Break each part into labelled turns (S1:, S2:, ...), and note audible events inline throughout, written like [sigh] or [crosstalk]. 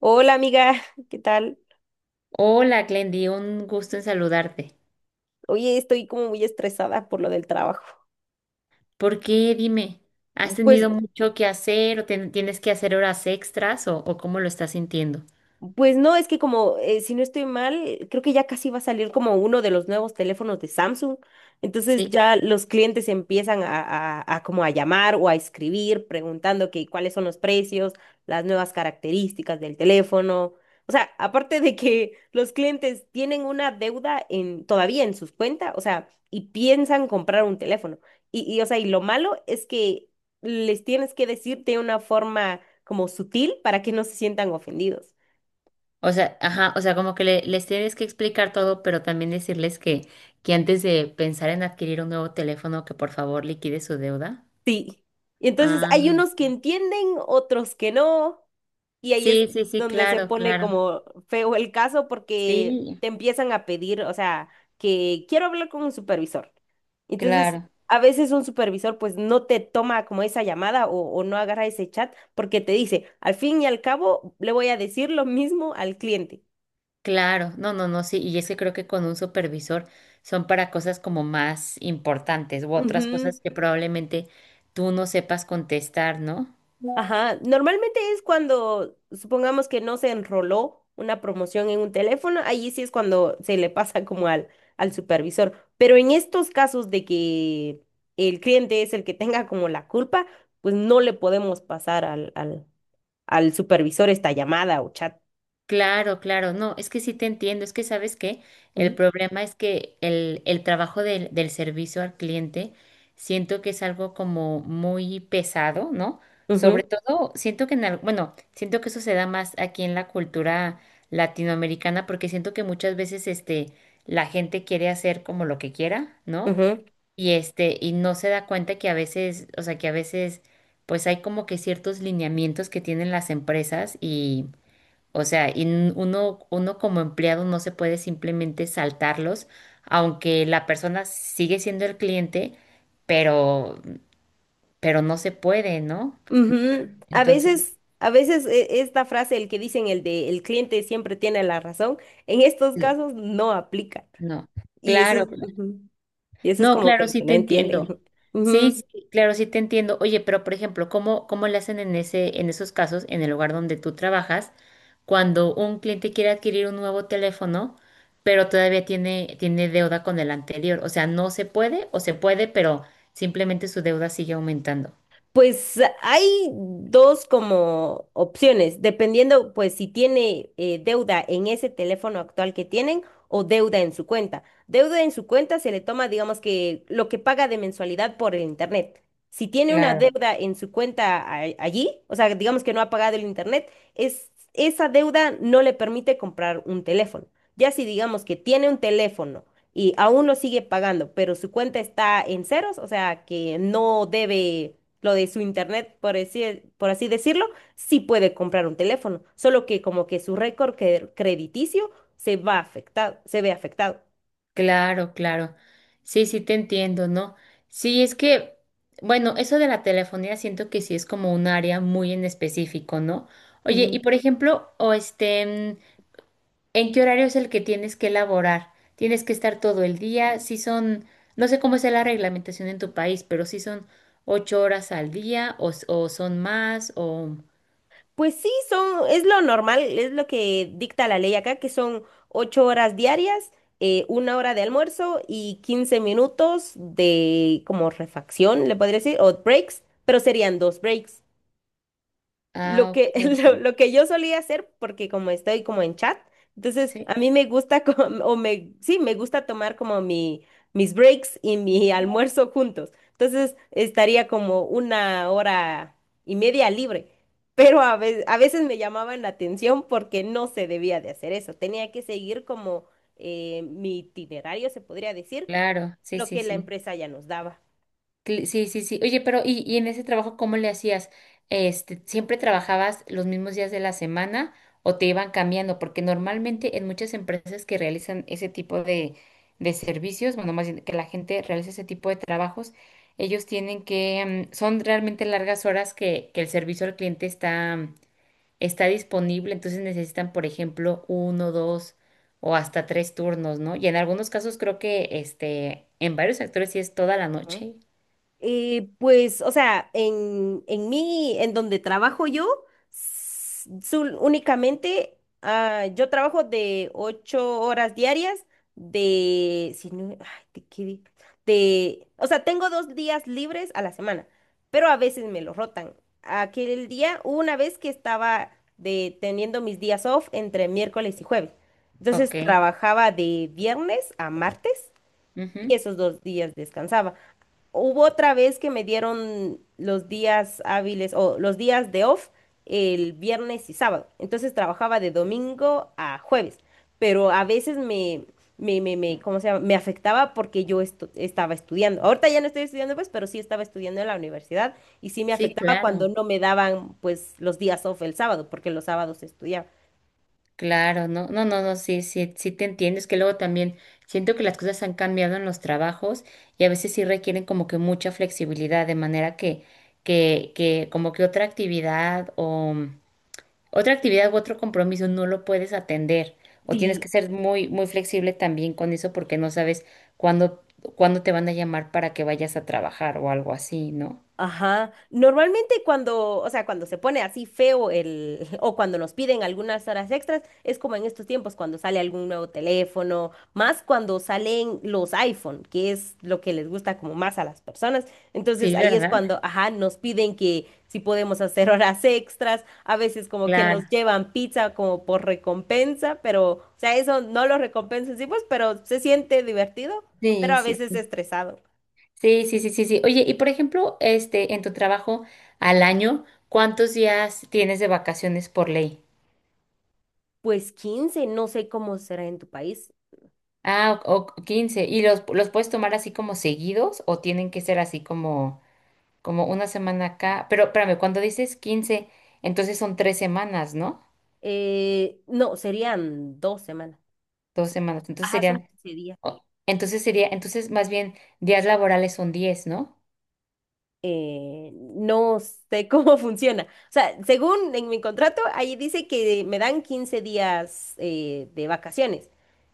S1: Hola amiga, ¿qué tal?
S2: Hola, Glendy, un gusto en saludarte.
S1: Oye, estoy como muy estresada por lo del trabajo.
S2: ¿Por qué? Dime, ¿has
S1: Pues
S2: tenido mucho que hacer o tienes que hacer horas extras o cómo lo estás sintiendo?
S1: Pues no, es que como, si no estoy mal, creo que ya casi va a salir como uno de los nuevos teléfonos de Samsung. Entonces
S2: Sí.
S1: ya los clientes empiezan a como a llamar o a escribir preguntando que cuáles son los precios, las nuevas características del teléfono. O sea, aparte de que los clientes tienen una deuda en, todavía en sus cuentas, o sea, y piensan comprar un teléfono. O sea, y lo malo es que les tienes que decir de una forma como sutil para que no se sientan ofendidos.
S2: O sea, ajá, o sea, como que les tienes que explicar todo, pero también decirles que antes de pensar en adquirir un nuevo teléfono, que por favor liquide su deuda.
S1: Sí. Y entonces hay
S2: Ah,
S1: unos que entienden, otros que no, y ahí es
S2: sí, sí, sí,
S1: donde se
S2: claro,
S1: pone
S2: claro.
S1: como feo el caso porque
S2: Sí,
S1: te empiezan a pedir, o sea, que quiero hablar con un supervisor. Entonces,
S2: claro.
S1: a veces un supervisor pues no te toma como esa llamada o no agarra ese chat porque te dice, al fin y al cabo, le voy a decir lo mismo al cliente.
S2: Claro, no, no, no, sí, y es que creo que con un supervisor son para cosas como más importantes u otras
S1: Ujú.
S2: cosas que probablemente tú no sepas contestar, ¿no?
S1: Ajá, normalmente es cuando, supongamos que no se enroló una promoción en un teléfono, ahí sí es cuando se le pasa [laughs] como al supervisor. Pero en estos casos de que el cliente es el que tenga como la culpa, pues no le podemos pasar al supervisor esta llamada o chat.
S2: Claro, claro, no, es que sí te entiendo, es que sabes que el
S1: ¿Mm?
S2: problema es que el trabajo del servicio al cliente siento que es algo como muy pesado, ¿no?
S1: Ujú,
S2: Sobre todo, siento que en bueno, siento que eso se da más aquí en la cultura latinoamericana porque siento que muchas veces este, la gente quiere hacer como lo que quiera, ¿no?
S1: ujú,
S2: Y este, y no se da cuenta que a veces, o sea, que a veces pues hay como que ciertos lineamientos que tienen las empresas, o sea, y uno como empleado no se puede simplemente saltarlos, aunque la persona sigue siendo el cliente, pero, pero, no se puede, ¿no?
S1: ujú.
S2: Entonces,
S1: A veces esta frase, el que dicen el de el cliente siempre tiene la razón, en estos
S2: le-
S1: casos no aplica.
S2: no.
S1: Y eso
S2: Claro,
S1: es... ujú. Y eso es
S2: no,
S1: como que
S2: claro,
S1: lo
S2: sí
S1: que no
S2: te
S1: entienden.
S2: entiendo.
S1: [laughs]
S2: Sí,
S1: Ujú.
S2: sí, claro, sí te entiendo. Oye, pero por ejemplo, ¿cómo le hacen en ese, en esos casos, en el lugar donde tú trabajas, cuando un cliente quiere adquirir un nuevo teléfono, pero todavía tiene deuda con el anterior? O sea, no se puede o se puede, pero simplemente su deuda sigue aumentando.
S1: Pues hay dos como opciones, dependiendo pues si tiene deuda en ese teléfono actual que tienen o deuda en su cuenta. Deuda en su cuenta se le toma, digamos que lo que paga de mensualidad por el internet. Si tiene una
S2: Claro.
S1: deuda en su cuenta allí, o sea, digamos que no ha pagado el internet, esa deuda no le permite comprar un teléfono. Ya si digamos que tiene un teléfono y aún lo sigue pagando, pero su cuenta está en ceros, o sea, que no debe lo de su internet, por así decirlo, sí puede comprar un teléfono, solo que como que su récord crediticio se ve afectado.
S2: Claro, claro. Sí, sí te entiendo, ¿no? Sí, es que, bueno, eso de la telefonía siento que sí es como un área muy en específico, ¿no? Oye, y
S1: Ujú.
S2: por ejemplo, o este, ¿en qué horario es el que tienes que elaborar? ¿Tienes que estar todo el día? Si son, no sé cómo es la reglamentación en tu país, pero si son 8 horas al día o, o son más o...
S1: Pues sí, es lo normal, es lo que dicta la ley acá, que son ocho horas diarias, una hora de almuerzo y 15 minutos de como refacción, le podría decir, o breaks, pero serían dos breaks. Lo
S2: Ah, ok,
S1: que, [laughs]
S2: ok.
S1: lo que yo solía hacer, porque como estoy como en chat, entonces
S2: Sí,
S1: a mí me gusta, [laughs] sí, me gusta tomar como mis breaks y mi [laughs] almuerzo juntos. Entonces estaría como una hora y media libre. Pero a veces me llamaban la atención porque no se debía de hacer eso. Tenía que seguir como mi itinerario, se podría decir,
S2: claro, sí,
S1: lo
S2: sí,
S1: que la
S2: sí.
S1: empresa ya nos daba.
S2: Sí, sí, sí. Oye, pero y en ese trabajo cómo le hacías? Este, ¿siempre trabajabas los mismos días de la semana o te iban cambiando? Porque normalmente en muchas empresas que realizan ese tipo de servicios, bueno, más bien que la gente realiza ese tipo de trabajos, ellos tienen que, mm, son realmente largas horas que, el servicio al cliente está disponible, entonces necesitan, por ejemplo, uno, dos o hasta tres turnos, ¿no? Y en algunos casos creo que, este, en varios sectores sí es toda la
S1: Ujú.
S2: noche.
S1: O sea, en mí, en donde trabajo yo, únicamente yo trabajo de ocho horas diarias, de, si no, ay, ¿de qué di- de- o sea, tengo dos días libres a la semana, pero a veces me lo rotan. Aquel día, hubo una vez que estaba teniendo mis días off entre miércoles y jueves, entonces
S2: Ok,
S1: trabajaba de viernes a martes y
S2: ujú.
S1: esos dos días descansaba. Hubo otra vez que me dieron los días hábiles o los días de off el viernes y sábado. Entonces trabajaba de domingo a jueves, pero a veces ¿cómo se llama? Me afectaba porque yo estaba estudiando. Ahorita ya no estoy estudiando, pues, pero sí estaba estudiando en la universidad y sí me
S2: Sí,
S1: afectaba cuando
S2: claro,
S1: no me daban, pues, los días off el sábado, porque los sábados estudiaba.
S2: claro, no, no, no, no, sí, sí, sí te entiendo. Es que luego también siento que las cosas han cambiado en los trabajos y a veces sí requieren como que mucha flexibilidad, de manera que, como que otra actividad o otra actividad u otro compromiso no lo puedes atender o tienes
S1: Sí.
S2: que ser muy, muy flexible también con eso porque no sabes cuándo, cuándo te van a llamar para que vayas a trabajar o algo así, ¿no?
S1: Ajá. Normalmente cuando, o sea, cuando se pone así feo el, [laughs] o cuando nos piden algunas horas extras, es como en estos tiempos cuando sale algún nuevo teléfono, más cuando salen los iPhone, que es lo que les gusta como más a las personas. Entonces
S2: Sí,
S1: ahí es
S2: ¿verdad?
S1: cuando, ajá, nos piden que si podemos hacer [laughs] horas extras, a veces como que nos
S2: Claro.
S1: llevan pizza como por recompensa, pero, o sea, eso no lo recompensa, sí, pues, pero se siente divertido, pero
S2: Sí,
S1: a
S2: sí,
S1: veces
S2: sí.
S1: estresado.
S2: Sí, sí, sí, sí, sí. Oye, y por ejemplo, este, en tu trabajo al año, ¿cuántos días tienes de vacaciones por ley?
S1: Pues 15, no sé cómo será en tu país.
S2: Ah, o 15. ¿Y los puedes tomar así como seguidos o tienen que ser así como, como una semana acá? Pero espérame, cuando dices 15, entonces son 3 semanas, ¿no?
S1: No, serían dos semanas.
S2: Dos semanas. Entonces
S1: Ajá, son
S2: serían,
S1: 15 días.
S2: entonces más bien días laborales son 10, ¿no?
S1: No sé cómo [laughs] funciona. O sea, según en mi contrato, ahí dice que me dan 15 días de vacaciones,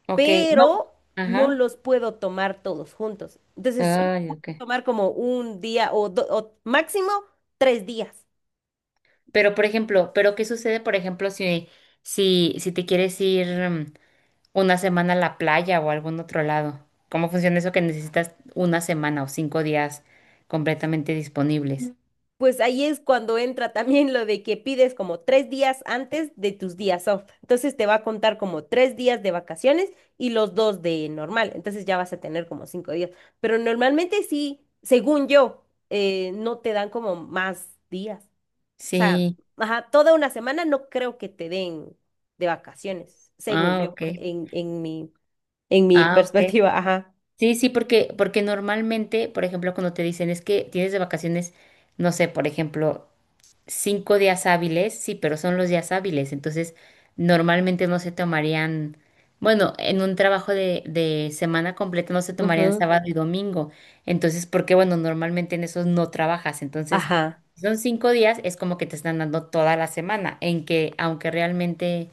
S2: Ok, no.
S1: pero no
S2: Ajá.
S1: los puedo tomar todos juntos. Entonces, solo
S2: Ay,
S1: puedo
S2: ok.
S1: tomar como un día o o máximo tres días.
S2: Pero, por ejemplo, pero ¿qué sucede, por ejemplo, si te quieres ir una semana a la playa o a algún otro lado? ¿Cómo funciona eso que necesitas una semana o 5 días completamente disponibles?
S1: Pues ahí es cuando entra también lo de que pides como tres días antes de tus días off. Entonces te va a contar como tres días de vacaciones y los dos de normal. Entonces ya vas a tener como cinco días. Pero normalmente sí, según yo, no te dan como más días. O sea,
S2: Sí.
S1: ajá, toda una semana no creo que te den de vacaciones, según
S2: Ah,
S1: yo,
S2: ok.
S1: en, en mi, en mi
S2: Ah, ok.
S1: perspectiva. Ajá.
S2: Sí, sí, porque, porque normalmente, por ejemplo, cuando te dicen es que tienes de vacaciones, no sé, por ejemplo, 5 días hábiles, sí, pero son los días hábiles, entonces normalmente no se tomarían, bueno, en un trabajo de semana completa no se tomarían
S1: Ujú,
S2: sábado y domingo, entonces, porque bueno, normalmente en esos no trabajas, entonces,
S1: Ajá.
S2: si son 5 días, es como que te están dando toda la semana, en que aunque realmente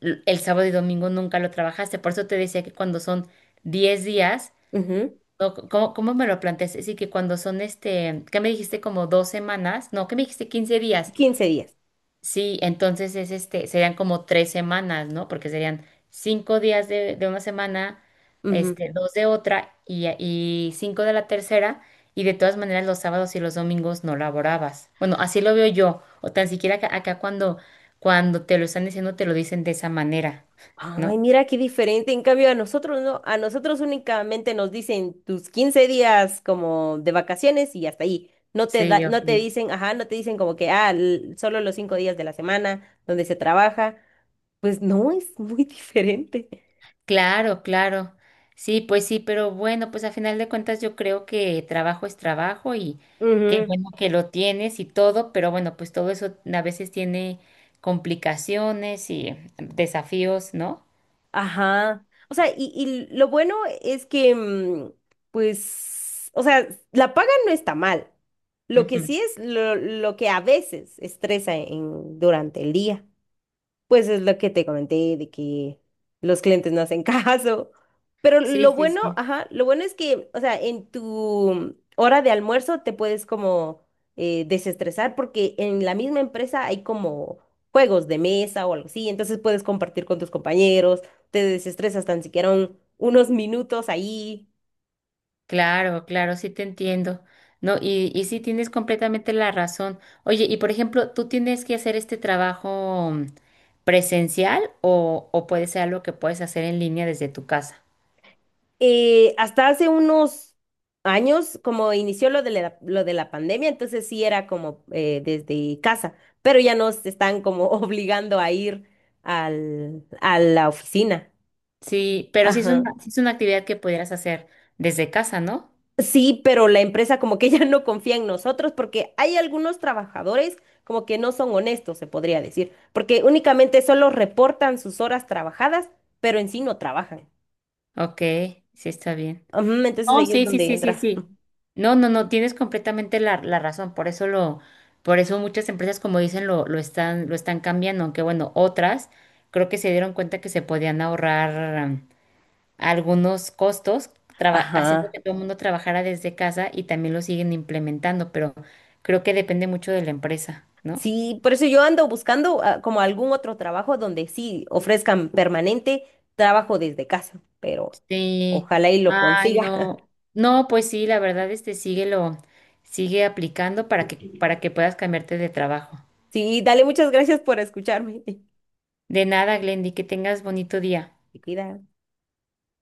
S2: el sábado y domingo nunca lo trabajaste, por eso te decía que cuando son 10 días,
S1: Ujú,
S2: no, ¿cómo me lo planteaste? Sí, que cuando son este, ¿qué me dijiste? Como dos semanas, no, ¿qué me dijiste? 15 días.
S1: 15 días.
S2: Sí, entonces es este, serían como 3 semanas, ¿no? Porque serían 5 días de, de una semana, este, dos de otra y 5 de la tercera, y de todas maneras los sábados y los domingos no laborabas. Bueno, así lo veo yo, o tan siquiera acá, acá cuando, cuando te lo están diciendo, te lo dicen de esa manera, ¿no?
S1: Ay, mira qué diferente. En cambio, a nosotros no, a nosotros únicamente nos dicen tus 15 días como de vacaciones y hasta ahí. No te da,
S2: Sí,
S1: no
S2: ok.
S1: te dicen, ajá, no te dicen como que, ah, solo los cinco días de la semana donde se trabaja. Pues no, es muy [laughs] diferente.
S2: Claro, claro. Sí, pues sí, pero bueno, pues a final de cuentas yo creo que trabajo es trabajo y qué
S1: Ujú,
S2: bueno que lo tienes y todo, pero bueno, pues todo eso a veces tiene complicaciones y desafíos, ¿no?
S1: Ajá. O sea, y lo bueno es que, o sea, la paga no está mal. Lo que
S2: Ujú.
S1: sí es lo que a veces estresa en, durante el día. Pues es lo que te comenté de que los clientes no hacen [laughs] caso. Pero
S2: Sí,
S1: lo
S2: sí,
S1: bueno,
S2: sí.
S1: ajá, lo bueno es que, o sea, en tu hora de almuerzo te puedes como desestresar porque en la misma empresa hay como juegos de mesa o algo así, entonces puedes compartir con tus compañeros, te desestresas tan siquiera unos minutos ahí.
S2: Claro, claro, sí te entiendo. No, y sí tienes completamente la razón. Oye, y por ejemplo, ¿tú tienes que hacer este trabajo presencial o puede ser algo que puedes hacer en línea desde tu casa?
S1: Hasta hace unos años, como inició lo de lo de la pandemia, entonces sí era como desde casa, pero ya nos están como [laughs] obligando a ir a la oficina.
S2: Sí, pero
S1: Ajá.
S2: sí es una actividad que pudieras hacer desde casa, ¿no?
S1: Sí, pero la empresa como que [laughs] ya no confía en nosotros porque hay algunos trabajadores como que no son honestos, se podría decir, porque únicamente solo reportan sus horas trabajadas, pero en sí no trabajan.
S2: Ok, sí está bien.
S1: Ujú, entonces
S2: Oh,
S1: ahí es
S2: sí, sí,
S1: donde
S2: sí, sí,
S1: entra.
S2: sí. No, no, no, tienes completamente la, la razón. Por eso muchas empresas, como dicen, lo están cambiando, aunque bueno, otras creo que se dieron cuenta que se podían ahorrar algunos costos, haciendo que
S1: Ajá.
S2: todo el mundo trabajara desde casa y también lo siguen implementando, pero creo que depende mucho de la empresa, ¿no?
S1: Sí, por eso yo ando buscando como algún otro trabajo donde sí ofrezcan permanente trabajo desde casa, pero
S2: Sí,
S1: ojalá y lo
S2: ay,
S1: consiga. [laughs]
S2: no, no, pues sí, la verdad, este, síguelo, sigue aplicando para que, puedas cambiarte de trabajo.
S1: Sí, dale, muchas gracias por escucharme. [laughs]
S2: De nada, Glendy, que tengas bonito día.
S1: Te cuidas.